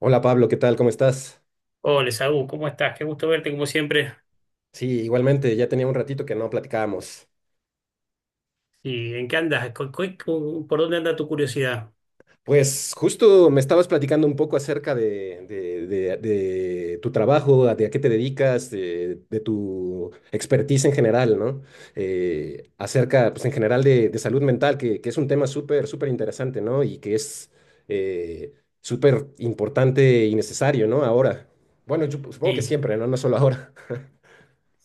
Hola Pablo, ¿qué tal? ¿Cómo estás? Hola, Saúl, ¿cómo estás? Qué gusto verte como siempre. Sí, igualmente, ya tenía un ratito que no platicábamos. ¿Y en qué andas? ¿Por dónde anda tu curiosidad? Pues justo me estabas platicando un poco acerca de tu trabajo, de a qué te dedicas, de tu expertise en general, ¿no? Acerca, pues en general, de salud mental, que es un tema súper, súper interesante, ¿no? Y que es, eh, súper importante y necesario, ¿no? Ahora. Bueno, yo supongo que Sí. siempre, ¿no? No solo ahora.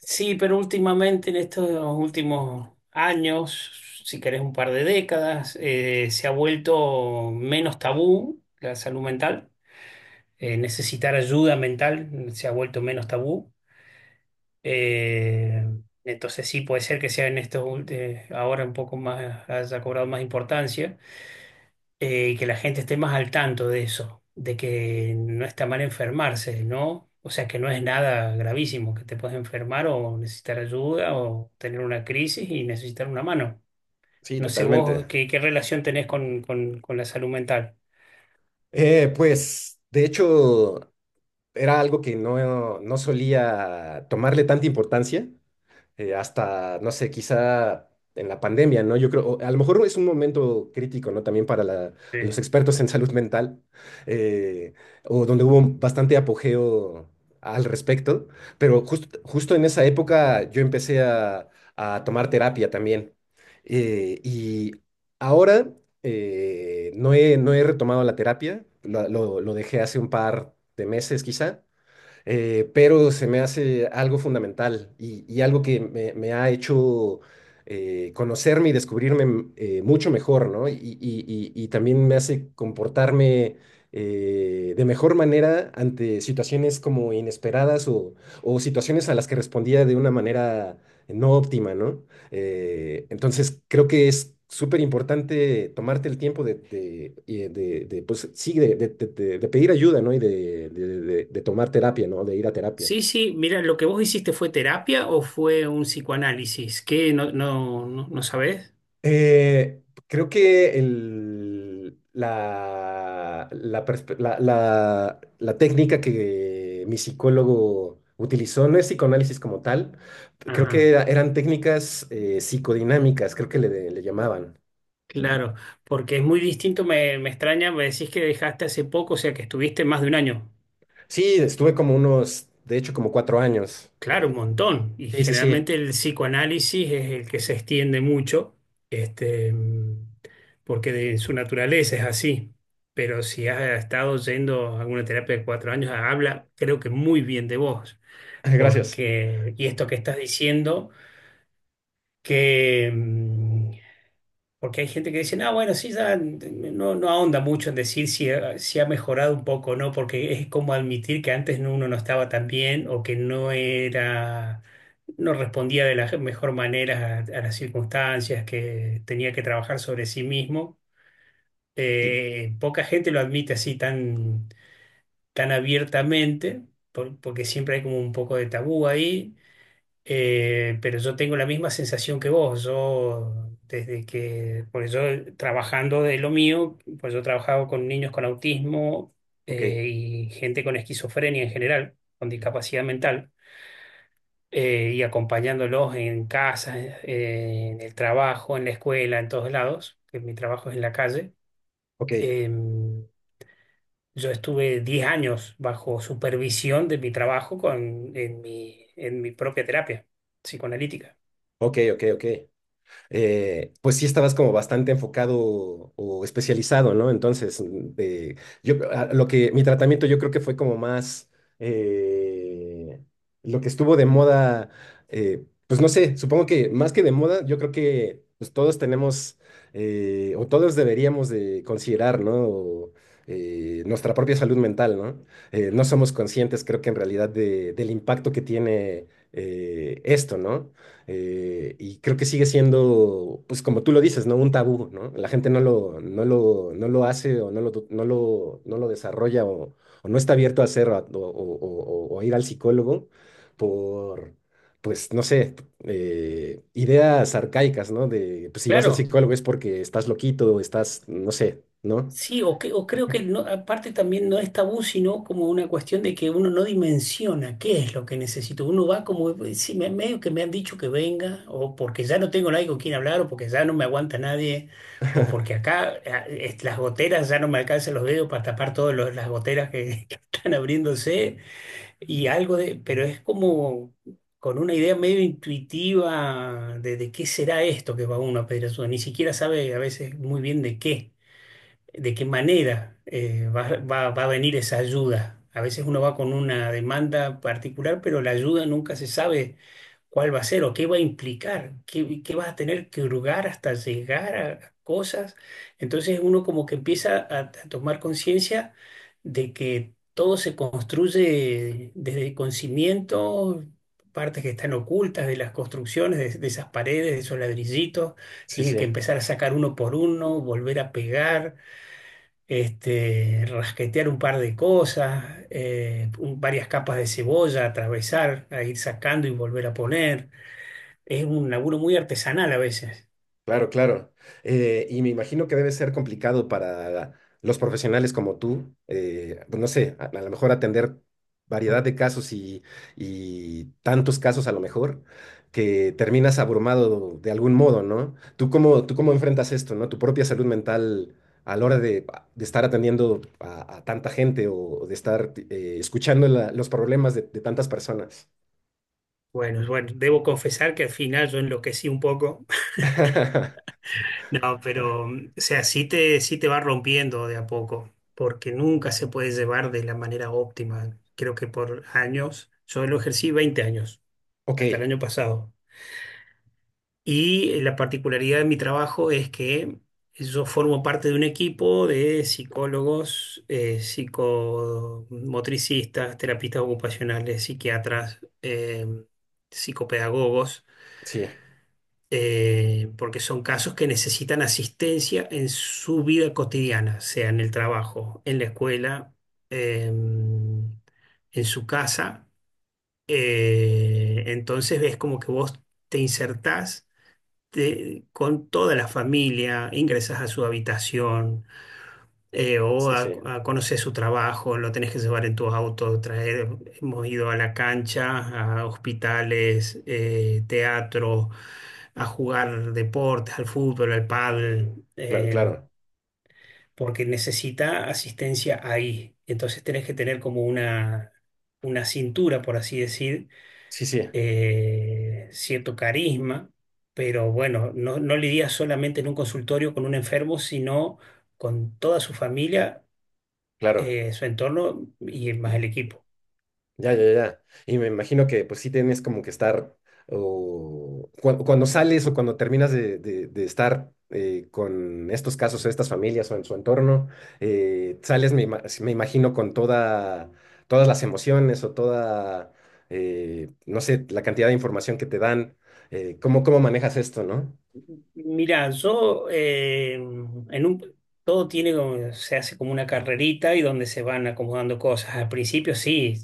Sí, pero últimamente, en estos últimos años, si querés un par de décadas, se ha vuelto menos tabú la salud mental. Necesitar ayuda mental se ha vuelto menos tabú. Eh, entonces sí, puede ser que sea en estos, ahora un poco más, haya cobrado más importancia. Y que la gente esté más al tanto de eso, de que no está mal enfermarse, ¿no? O sea, que no es nada gravísimo, que te puedes enfermar o necesitar ayuda o tener una crisis y necesitar una mano. Sí, No sé vos totalmente. Qué relación tenés con la salud mental. Pues, de hecho, era algo que no solía tomarle tanta importancia, hasta, no sé, quizá en la pandemia, ¿no? Yo creo, o a lo mejor es un momento crítico, ¿no? También para Sí. los expertos en salud mental, eh, o donde hubo un bastante apogeo al respecto, pero justo justo en esa época yo empecé a tomar terapia también. Y ahora, no he retomado la terapia, lo dejé hace un par de meses quizá, pero se me hace algo fundamental y algo que me ha hecho conocerme y descubrirme mucho mejor, ¿no? Y también me hace comportarme, de mejor manera ante situaciones como inesperadas o situaciones a las que respondía de una manera no óptima, ¿no? Entonces, creo que es súper importante tomarte el tiempo de, pues, sí, de pedir ayuda, ¿no? Y de tomar terapia, ¿no? De ir a terapia. Sí, sí, mira, lo que vos hiciste fue terapia o fue un psicoanálisis. ¿Qué no, no, no, no sabés? Creo que el- la, perspe- la- la- la técnica que mi psicólogo utilizó no es psicoanálisis como tal, creo que Ajá, eran técnicas, psicodinámicas, creo que le llamaban. claro, porque es muy distinto, me extraña, me decís que dejaste hace poco, o sea que estuviste más de un año. Sí, estuve como unos, de hecho, como cuatro años. Claro, un Eh, montón. Y sí, sí, sí. generalmente el psicoanálisis es el que se extiende mucho, este, mm, porque de su naturaleza es así. Pero si has estado yendo a alguna terapia de 4 años, habla, creo que muy bien de vos. Gracias. Porque, y esto que estás diciendo, que, mm, porque hay gente que dice, ah, bueno, sí, ya no, no ahonda mucho en decir si, si ha mejorado un poco o no, porque es como admitir que antes uno no estaba tan bien o que no era, no respondía de la mejor manera a las circunstancias, que tenía que trabajar sobre sí mismo. Sí, Poca gente lo admite así tan, tan abiertamente, porque siempre hay como un poco de tabú ahí. Pero yo tengo la misma sensación que vos. Yo, desde que, por eso trabajando de lo mío, pues yo he trabajado con niños con autismo ok, y gente con esquizofrenia en general, con discapacidad mental, y acompañándolos en casa, en el trabajo, en la escuela, en todos lados, que mi trabajo es en la calle. ok, Em, yo estuve 10 años bajo supervisión de mi trabajo en en mi propia terapia psicoanalítica. ok, ok, ok. Pues sí estabas como bastante enfocado o especializado, ¿no? Entonces, mm, yo, a- lo que, mi tratamiento yo creo que fue como más, eh, lo que estuvo de moda, pues no sé, supongo que más que de moda, yo creo que pues todos tenemos, o todos deberíamos de considerar, ¿no? Nuestra propia salud mental, ¿no? No somos conscientes, creo que en realidad, del impacto que tiene esto, ¿no? Y creo que sigue siendo, pues como tú lo dices, ¿no? Un tabú, ¿no? La gente no lo hace o no lo desarrolla o no está abierto a hacerlo, o a ir al psicólogo por, pues, no sé, ideas arcaicas, ¿no? De, pues si vas al Claro. psicólogo es porque estás loquito o estás, no sé, ¿no? Sí, o creo que aparte también no es tabú, sino como una cuestión de que uno no dimensiona qué es lo que necesito. Uno va como, sí, medio que me han dicho que venga, o porque ya no tengo nadie con quien hablar, o porque ya no me aguanta nadie, o porque acá las goteras ya no me alcanzan los dedos para tapar todas las goteras que, que están abriéndose, y algo de, pero es como con una idea medio intuitiva de qué será esto que va uno a pedir ayuda. Ni siquiera sabe a veces muy bien de qué manera va a venir esa ayuda. A veces uno va con una demanda particular, pero la ayuda nunca se sabe cuál va a ser o qué va a implicar, qué vas a tener que hurgar hasta llegar a cosas. Entonces uno como que empieza a tomar conciencia de que todo se construye desde con cimientos, partes que están ocultas de las construcciones, de esas paredes, de esos ladrillitos. Sí, Tiene que sí. empezar a sacar uno por uno, volver a pegar este, rasquetear un par de cosas, varias capas de cebolla, atravesar, a ir sacando y volver a poner. Es un laburo muy artesanal a veces. Claro, claro. Y me imagino que debe ser complicado para los profesionales como tú, pues no sé, a lo mejor atender variedad de casos y tantos casos a lo mejor, que terminas abrumado de algún modo, ¿no? ¿Tú cómo enfrentas esto? ¿No? Tu propia salud mental a la hora de estar atendiendo a tanta gente o de estar, escuchando los problemas de tantas personas. Bueno, debo confesar que al final yo enloquecí un poco. No, pero, mm, o sea, sí te va rompiendo de a poco, porque nunca se puede llevar de la manera óptima. Creo que por años, yo lo ejercí 20 años, Ok, hasta el año pasado. Y la particularidad de mi trabajo es que yo formo parte de un equipo de psicólogos, psicomotricistas, terapistas ocupacionales, psiquiatras, psicopedagogos, sí, porque son casos que necesitan asistencia en su vida cotidiana, sea en el trabajo, en la escuela, en su casa. Entonces ves como que vos te insertás con toda la familia, ingresas a su habitación o sí, sí, a conocer su trabajo, lo tenés que llevar en tu auto, traer, hemos ido a la cancha, a hospitales, teatro, a jugar deportes, al fútbol, al pádel, claro, claro. porque necesita asistencia ahí. Entonces tenés que tener como una cintura, por así decir, Sí, sí. Cierto carisma, pero bueno, no, no lidia solamente en un consultorio con un enfermo, sino con toda su familia, Claro, su entorno y más el equipo. ya, ya, ya. Y me imagino que pues sí tienes como que estar, o cuando sales o cuando terminas de estar, con estos casos o estas familias o en su entorno, sales, me imagino, con toda, todas las emociones o toda, no sé, la cantidad de información que te dan, ¿Cómo manejas esto, ¿no? Mira, yo en un todo tiene se hace como una carrerita y donde se van acomodando cosas. Al principio sí,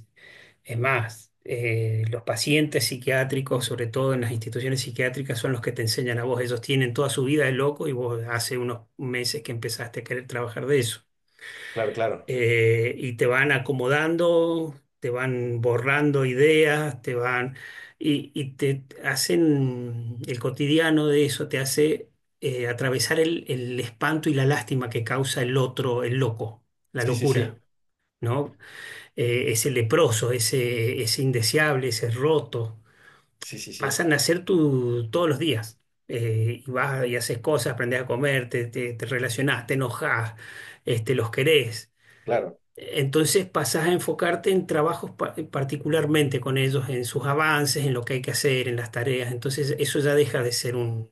es más, los pacientes psiquiátricos, sobre todo en las instituciones psiquiátricas, son los que te enseñan a vos. Ellos tienen toda su vida de loco y vos hace unos meses que empezaste a querer trabajar de eso. Claro, claro. Y te van acomodando, te van borrando ideas, te van... Y, y te hacen el cotidiano de eso, te hace atravesar el espanto y la lástima que causa el otro, el loco, la Sí, sí, sí. locura, ¿no? Ese leproso, ese indeseable, ese roto, Sí, sí, sí. pasan a ser tu todos los días. Y vas y haces cosas, aprendes a comer, te relacionás, te enojás, este, los querés. Claro. Entonces pasás a enfocarte en trabajos particularmente con ellos, en sus avances, en lo que hay que hacer, en las tareas. Entonces eso ya deja de ser un,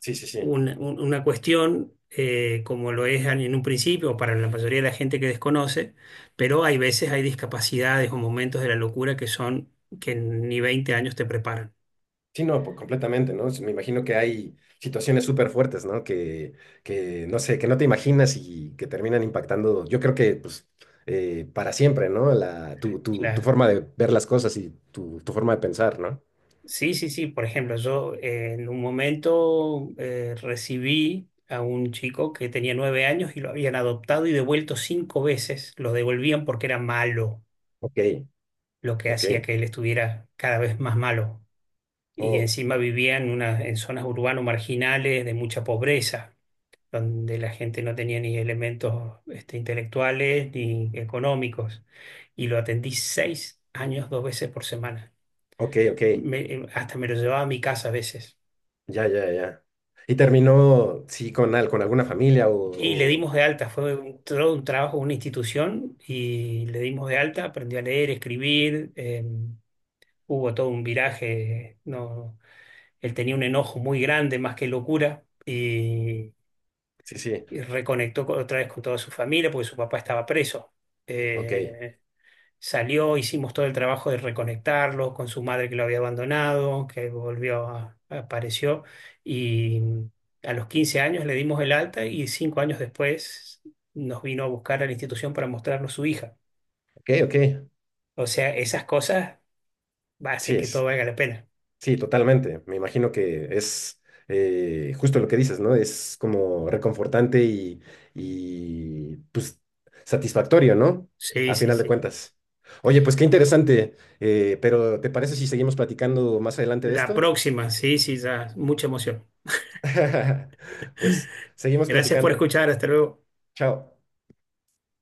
Sí, sí, sí. una, un- una cuestión como lo es en un principio o para la mayoría de la gente que desconoce, pero hay veces hay discapacidades o momentos de la locura que son que ni 20 años te preparan. Sí, no, pues, completamente, ¿no? Sí. Me imagino que hay situaciones súper fuertes, ¿no? Que, no sé, que no te imaginas y que terminan impactando, yo creo que, pues, para siempre, ¿no? Tu Claro. forma de ver las cosas y tu forma de pensar, ¿no? Sí, sí, sí. Por ejemplo, yo en un momento recibí a un chico que tenía 9 años y lo habían adoptado y devuelto 5 veces. Lo devolvían porque era malo, Ok, lo que ok, hacía que él estuviera cada vez más malo. Y oh, encima vivía en, una, en zonas urbanas marginales de mucha pobreza, donde la gente no tenía ni elementos este, intelectuales ni económicos. Y lo atendí 6 años, 2 veces por semana. ok, ok, Hasta me lo llevaba a mi casa a veces. ya, ya, ya. Y terminó, sí, con alguna familia o, Y le o- dimos de alta, fue un, todo un trabajo, una institución, y le dimos de alta, aprendí a leer, escribir, hubo todo un viraje, no, él tenía un enojo muy grande, más que locura, y Sí, sí, y reconectó otra vez con toda su familia porque su papá estaba preso. ok, Eh, Salió, hicimos todo el trabajo de reconectarlo con su madre que lo había abandonado, que apareció, y a los 15 años le dimos el alta y 5 años después nos vino a buscar a la institución para mostrarnos su hija. ok, ok, O sea, esas cosas sí, hacen que todo es. valga la pena. Sí, totalmente. Me imagino que es, justo lo que dices, ¿no? Es como reconfortante y, pues satisfactorio, ¿no? Sí, A sí, final de sí. cuentas. Oye, pues qué interesante. Pero ¿te parece si seguimos platicando más adelante de La esto? próxima, sí, sí, ya. Mucha emoción. Pues seguimos Gracias por platicando. escuchar, hasta luego. Chao.